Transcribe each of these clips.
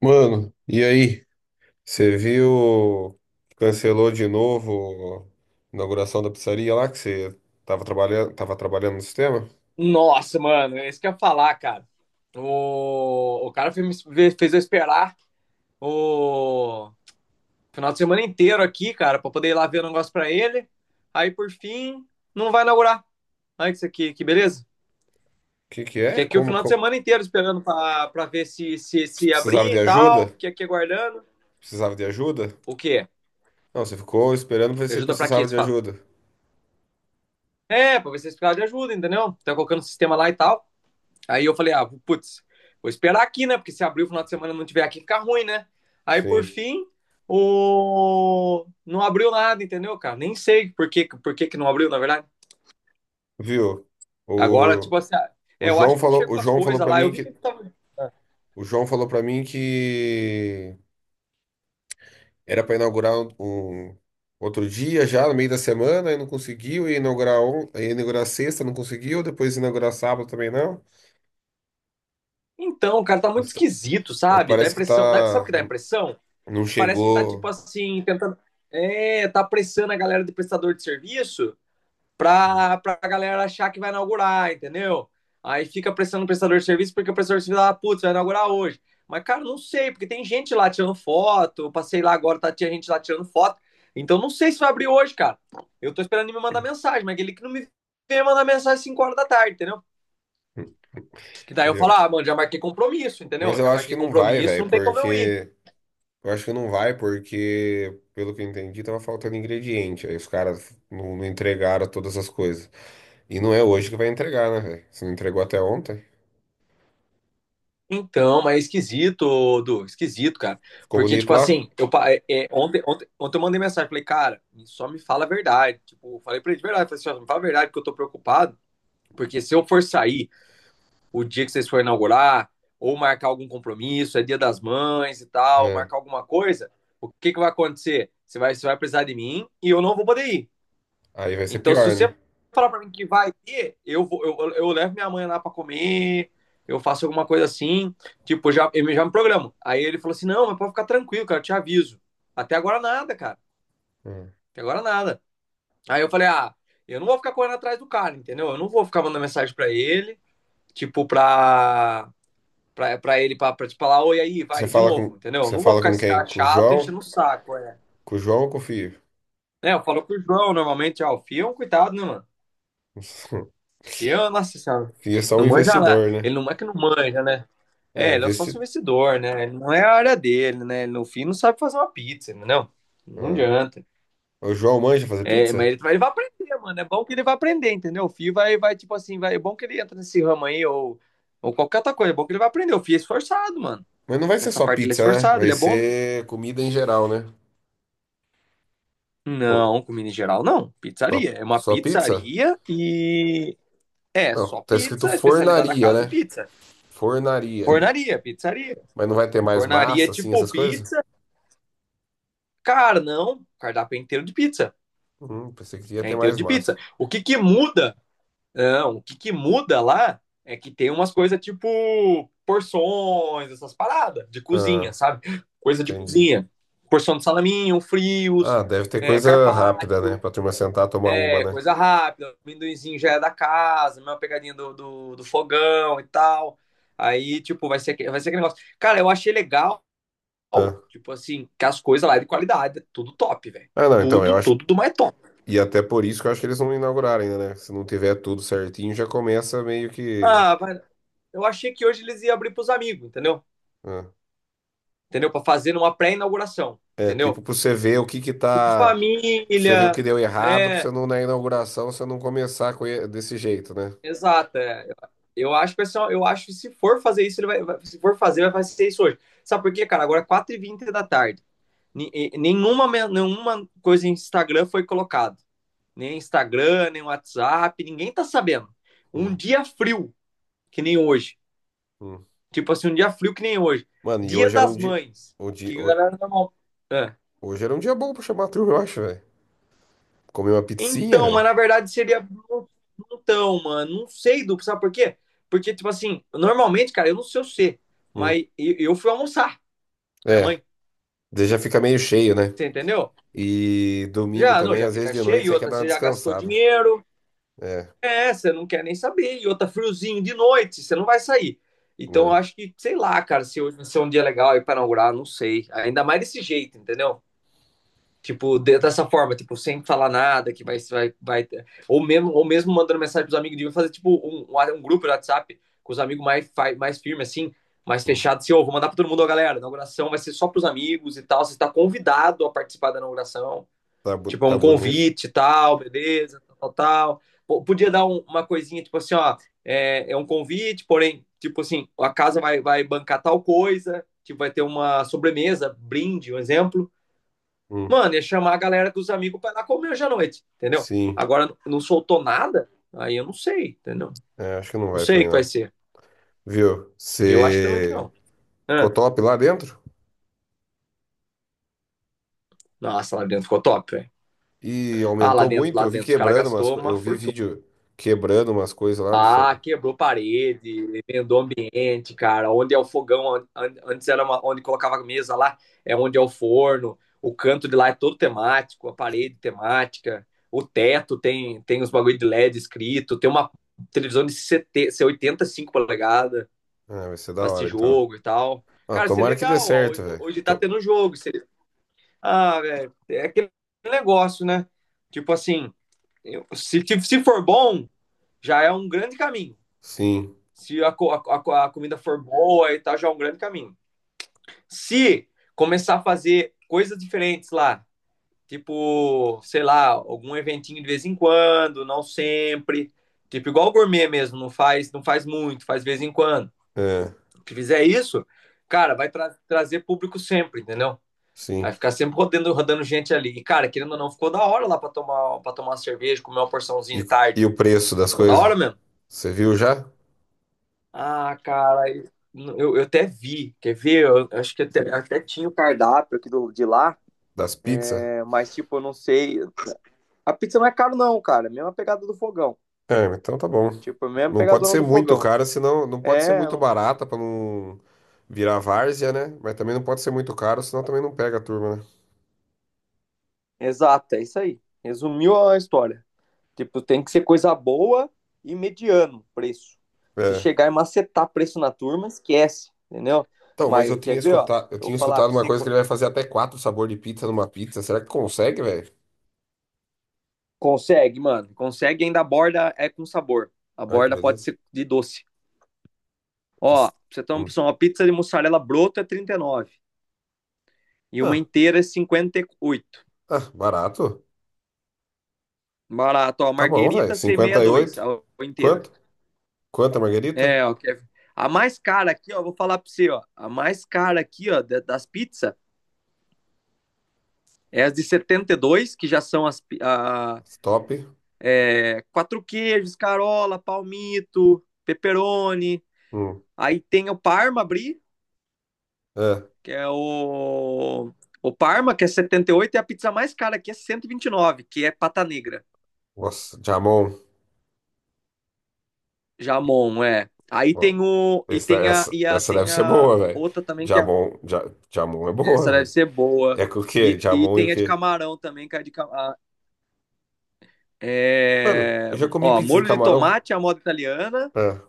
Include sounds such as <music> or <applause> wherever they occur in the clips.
Mano, e aí? Você viu? Cancelou de novo a inauguração da pizzaria lá que você tava trabalhando no sistema? O Nossa, mano, é isso que eu ia falar, cara. O cara fez, fez eu esperar o final de semana inteiro aqui, cara, pra poder ir lá ver o negócio pra ele. Aí, por fim, não vai inaugurar. Olha isso aqui, que beleza. que que é? Fiquei aqui o final de semana inteiro esperando pra ver se, se, Você se precisava abrir e de tal. ajuda? Fiquei aqui aguardando. Precisava de ajuda? O quê? Não, você ficou esperando pra ver se você Ajuda pra quê? precisava Você de fala. ajuda. É, pra ver se esse cara de ajuda, entendeu? Tá colocando o sistema lá e tal. Aí eu falei, ah, putz, vou esperar aqui, né? Porque se abrir o final de semana e não tiver aqui, fica ruim, né? Aí por Sim. fim, não abriu nada, entendeu, cara? Nem sei por que que não abriu, na verdade. Viu? Agora, tipo O, assim, ah, é, o eu João acho que não falou, o chegou as João falou coisas para lá. Eu mim vi que que ele tava. o João falou para mim que era para inaugurar um outro dia já, no meio da semana, e não conseguiu, e inaugurar sexta, não conseguiu, depois inaugurar sábado também não. Então, cara, tá muito Mas, tá- esquisito, mas sabe? Dá parece que impressão. Sabe o tá, que dá impressão? não Parece que tá, tipo chegou. assim, tentando. É, tá pressando a galera de prestador de serviço pra galera achar que vai inaugurar, entendeu? Aí fica pressionando o prestador de serviço porque o prestador de serviço fala, ah, putz, vai inaugurar hoje. Mas, cara, não sei, porque tem gente lá tirando foto. Eu passei lá agora, tá, tinha gente lá tirando foto. Então, não sei se vai abrir hoje, cara. Eu tô esperando ele me mandar mensagem, mas aquele que não me vem mandar mensagem às 5 horas da tarde, entendeu? Que daí eu falo, Já. ah, mano, já marquei compromisso, Mas entendeu? eu Já acho marquei que não vai, compromisso, velho, não tem como eu ir. porque. Eu acho que não vai, porque, pelo que eu entendi, tava faltando ingrediente. Aí os caras não entregaram todas as coisas. E não é hoje que vai entregar, né, velho? Se não entregou até ontem. Então, mas é esquisito, Du, esquisito, cara. Ficou Porque, tipo bonito lá? assim, eu, é, é, ontem, ontem eu mandei mensagem, falei, cara, só me fala a verdade. Tipo, eu falei pra ele de verdade, falei assim, ó, me fala a verdade, porque eu tô preocupado. Porque se eu for sair o dia que vocês forem inaugurar, ou marcar algum compromisso, é dia das mães e tal, É. marcar alguma coisa, o que que vai acontecer? Você vai precisar de mim e eu não vou poder ir. Aí vai ser Então, se pior, você né? falar para mim que vai ter, eu, vou, eu levo minha mãe lá para comer, eu faço alguma coisa assim, tipo, já, eu já me programo. Aí ele falou assim: não, mas pode ficar tranquilo, cara, eu te aviso. Até agora nada, cara, É. até agora nada. Aí eu falei: ah, eu não vou ficar correndo atrás do cara, entendeu? Eu não vou ficar mandando mensagem para ele, tipo, pra ele, pra te falar, oi, aí, Você vai, de fala com, novo, entendeu? Eu você não vou fala ficar com esse quem? cara Com o chato João? enchendo o saco, é. Com o João ou com o Fio? É, eu falo com o João normalmente, ó, o Fio é um cuidado, né, mano? <laughs> Eu, nossa O senhora, Fio é só não um manja nada. investidor, né? Ele não é que não manja, né? É, É, ele é só investidor. investidor, né? Ele não é a área dele, né? Ele, no fim, não sabe fazer uma pizza, entendeu? Não adianta. O João manja fazer É, mas pizza? ele, ele vai aprender, mano. É bom que ele vai aprender, entendeu? O filho vai, vai tipo assim, vai. É bom que ele entra nesse ramo aí, ou qualquer outra coisa. É bom que ele vai aprender. O filho é esforçado, mano. Mas não vai ser Nessa só parte ele é pizza, né? esforçado, Vai ele é bom. Ser comida em geral, né? Ou Não, comida em geral, não. Pizzaria. só, É uma só pizza? pizzaria e. É, Não, só tá escrito pizza. A especialidade da fornaria, casa é né? pizza. Fornaria. Fornaria, pizzaria. Mas não vai ter mais Fornaria é massa, assim, tipo essas coisas? pizza. Cara, não. Cardápio é inteiro de pizza. Pensei que ia É ter inteiro mais de pizza. massa. O que que muda? Não, o que que muda lá é que tem umas coisas tipo porções, essas paradas de cozinha, Ah, sabe? Coisa de entendi. cozinha. Porção de salaminho, frios, Ah, deve ter é, coisa rápida, né? carpaccio, Pra turma sentar, tomar uma, é, né? coisa rápida. Amendoinzinho já é da casa, mesma pegadinha do, do fogão e tal. Aí, tipo, vai ser, vai ser aquele negócio. Cara, eu achei legal. Ah, Tipo assim, que as coisas lá é de qualidade. Tudo top, velho. Ah, não, então, eu Tudo, acho tudo do mais top. e até por isso que eu acho que eles não inauguraram ainda, né? Se não tiver tudo certinho, já começa meio que. Ah, vai. Eu achei que hoje eles iam abrir pros amigos, entendeu? Ah, Entendeu? Pra fazer uma pré-inauguração, é, tipo, entendeu? pra você ver o que que Tipo tá. Pra você ver o que família, deu errado, pra você né? não, na inauguração, você não começar desse jeito, né? Exato. É. Eu acho pessoal eu acho que se for fazer isso, ele se for fazer, vai fazer isso hoje. Sabe por quê, cara? Agora é 4h20 da tarde. Nenhuma, nenhuma coisa em Instagram foi colocada. Nem Instagram, nem WhatsApp, ninguém tá sabendo. Um Hum, dia frio, que nem hoje. hum. Tipo assim, um dia frio que nem hoje. Mano, e Dia hoje era um das dia. mães. O dia... Que a ho- galera normal. É. Hoje era um dia bom pra chamar a turma, eu acho, velho. Comer uma pizzinha, Então, mas velho. na verdade seria. Então, mano, não sei, duplo, sabe por quê? Porque, tipo assim, normalmente, cara, eu não sei o ser, Hum. mas eu fui almoçar com a minha É, mãe, daí já fica meio cheio, né? você entendeu? E domingo Já, não, também, já às vezes fica de noite, cheio, você quer outra, dar uma você já gastou descansada. dinheiro, É, é, você não quer nem saber, e outra, friozinho de noite, você não vai sair. Então, eu né? acho que, sei lá, cara, se hoje vai ser um dia legal aí pra inaugurar, não sei. Ainda mais desse jeito, entendeu? Tipo, dessa forma, tipo, sem falar nada, que vai, vai. Ou mesmo mandando mensagem pros amigos, de fazer, tipo, um grupo de WhatsApp com os amigos mais, mais firmes, assim, mais Hum. fechado, assim, ô, oh, vou mandar pra todo mundo, ó, galera, a inauguração vai ser só pros amigos e tal, você tá convidado a participar da inauguração. Tá, bu- Tipo, é tá um bonito. convite e tal, beleza, tal, tal, tal. Podia dar uma coisinha, tipo assim, ó, é, é um convite, porém, tipo assim, a casa vai, vai bancar tal coisa, tipo, vai ter uma sobremesa, brinde, um exemplo, Hum. mano, ia chamar a galera dos amigos pra ir lá comer hoje à noite, entendeu? Sim. Agora não soltou nada, aí eu não sei, entendeu? É, acho que não Não vai sei o também, que vai não. ser. Viu? Eu acho também que Você não. ficou Ah, top lá dentro? nossa, lá dentro ficou top, velho. E Ah, lá aumentou dentro, muito. lá Eu vi dentro os caras quebrando umas gastou coisas. uma Eu vi fortuna. vídeo quebrando umas coisas lá. Não sei. Ah, quebrou parede, emendou ambiente, cara. Onde é o fogão, antes era onde colocava a mesa lá, é onde é o forno. O canto de lá é todo temático, a parede temática. O teto tem os bagulho de LED escrito, tem uma televisão de 70, 85 polegadas Ah, vai ser da pra assistir hora, então. jogo e tal. Ah, Cara, isso é tomara que dê legal. Ó, certo, velho. hoje tá tendo jogo. Ah, velho, é aquele negócio, né? Tipo assim, se, se for bom, já é um grande caminho. Sim. Se comida for boa e tal, já é um grande caminho. Se começar a fazer coisas diferentes lá, tipo, sei lá, algum eventinho de vez em quando, não sempre, tipo igual o gourmet mesmo, não faz, não faz muito, faz de vez em quando. É, Se fizer isso, cara, vai trazer público sempre, entendeu? Vai sim. ficar sempre rodando, rodando gente ali. E, cara, querendo ou não, ficou da hora lá pra tomar, para tomar uma cerveja, comer uma porçãozinha E, de e tarde. o preço das Ficou da hora coisas? mesmo. Você viu já? Ah, cara, eu até vi, quer ver? Eu acho que até, até tinha o cardápio aqui do, de lá, Das pizzas? né? Mas tipo, eu não sei. A pizza não é caro não, cara, é a mesma pegada do fogão. É, então tá bom. Tipo, é a mesma Não pode pegadona ser do muito fogão. cara, senão. Não pode ser É, eu muito não- barata pra não virar várzea, né? Mas também não pode ser muito caro, senão também não pega a turma, né? Exato, é isso aí. Resumiu a história. Tipo, tem que ser coisa boa e mediano preço. Se É. chegar e macetar preço na turma, esquece, entendeu? Então, mas eu Mas quer tinha ver, ó? escutado, eu Eu vou tinha falar escutado pra uma você, coisa que ele vai fazer até quatro sabor de pizza numa pizza. Será que consegue, velho? consegue, mano. Consegue ainda a borda é com sabor. A Ai, que borda pode beleza. ser de doce. Que Ó, s- pra você ter uma hum. opção, uma pizza de mussarela broto é 39 e uma Ah, inteira é 58. ah, barato. Barato, ó, Tá bom, velho. marguerita c dois 58. a inteira. Quanto? Quanto a margarita? É, ó, a mais cara aqui, ó, vou falar pra você, ó, a mais cara aqui, ó, das pizzas é as de 72 que já são Top. é, quatro queijos, carola, palmito, pepperoni. Hum. Aí tem o Parma Brie, É. que é o Parma, que é 78, e a pizza mais cara aqui é cento e vinte e nove, que é pata negra. Nossa, jamon. Jamon, é. Aí Ó, tem o. E essa, tem a, essa, essa deve tem ser a boa, velho. outra também, Jamon, ja, jamon é boa, essa deve velho. ser boa. É com o quê? E Jamon e o tem a de quê? camarão também, que é de camarão. Mano, É, eu já comi ó, pizza de molho de camarão. tomate, a moda italiana. É.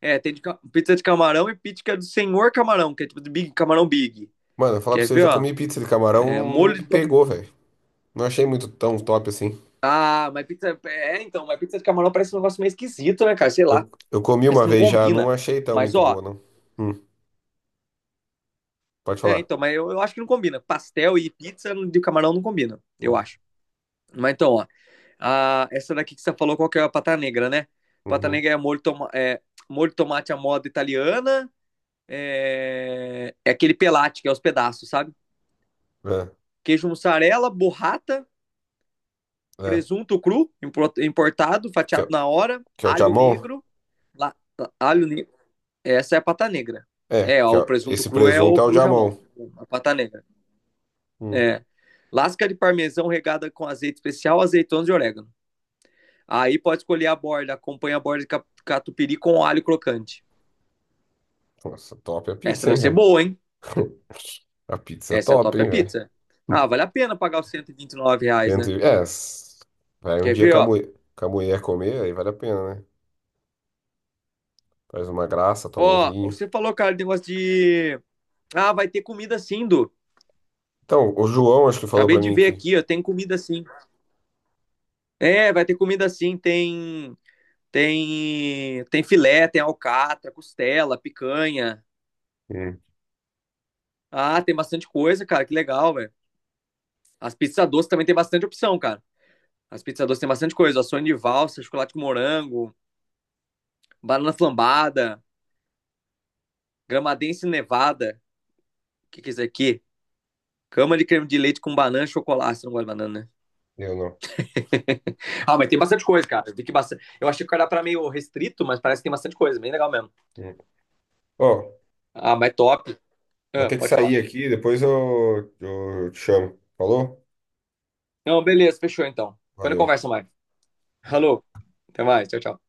É, tem pizza de camarão e pizza que é do Senhor Camarão, que é tipo de Big, camarão Big. Mano, eu falar pra Quer você, eu ver, já ó? comi pizza de camarão, É, não molho me de tomate. pegou, velho. Não achei muito tão top assim. Ah, mas pizza. É, então, mas pizza de camarão parece um negócio meio esquisito, né, cara? Sei lá. Eu comi Parece uma que não vez já, não combina. achei tão Mas, muito ó. boa, não. Hum, pode É, falar. então, mas eu acho que não combina. Pastel e pizza de camarão não combina, eu Hum, acho. Mas então, ó, essa daqui que você falou, qual que é a pata negra, né? Pata Uhum, negra é molho, toma, é molho de tomate à moda italiana, é, é aquele pelate, que é os pedaços, sabe? é, Queijo mussarela, borrata, é. presunto cru, importado, Que, fatiado é- na hora, que é o alho jamon? negro, la- alho negro. Essa é a pata negra. É, É, ó, o presunto esse cru é presunto é o o jamon. jamão, a pata negra. Hum, É. Lasca de parmesão regada com azeite especial, azeitonas e orégano. Aí pode escolher a borda, acompanha a borda de catupiry com alho crocante. nossa, top a Essa pizza, hein, deve ser velho? boa, hein? <laughs> A pizza é Essa é a top, top é hein, velho? pizza. Ah, vale a pena pagar os 129 reais, né? É, vai um Quer dia ver, com a ó? mulher, com a mulher comer, aí vale a pena, né? Faz uma graça, toma um Ó, vinho. você falou, cara, de negócio de. Ah, vai ter comida sim, Du. Então, o João acho que falou Acabei pra de mim ver que. aqui, ó. Tem comida sim. É, vai ter comida sim. Tem. Tem. Tem filé, tem alcatra, costela, picanha. Hum, Ah, tem bastante coisa, cara. Que legal, velho. As pizzas doces também tem bastante opção, cara. As pizzas doces tem bastante coisa. Sonho de valsa, chocolate com morango, banana flambada, gramadense nevada. O que que é isso aqui? Cama de creme de leite com banana e chocolate. Você não gosta de banana, né? eu não. Ah, mas tem bastante coisa, cara. Eu, vi que bastante... eu achei que o cardápio era meio restrito, mas parece que tem bastante coisa. Bem legal mesmo. Hum. Ó, Ah, mas top. vou Ah, ter que pode falar. sair aqui, depois eu te chamo. Falou? Não, beleza. Fechou, então. Depois não Valeu. conversa mais. Alô. Até mais. Tchau, tchau.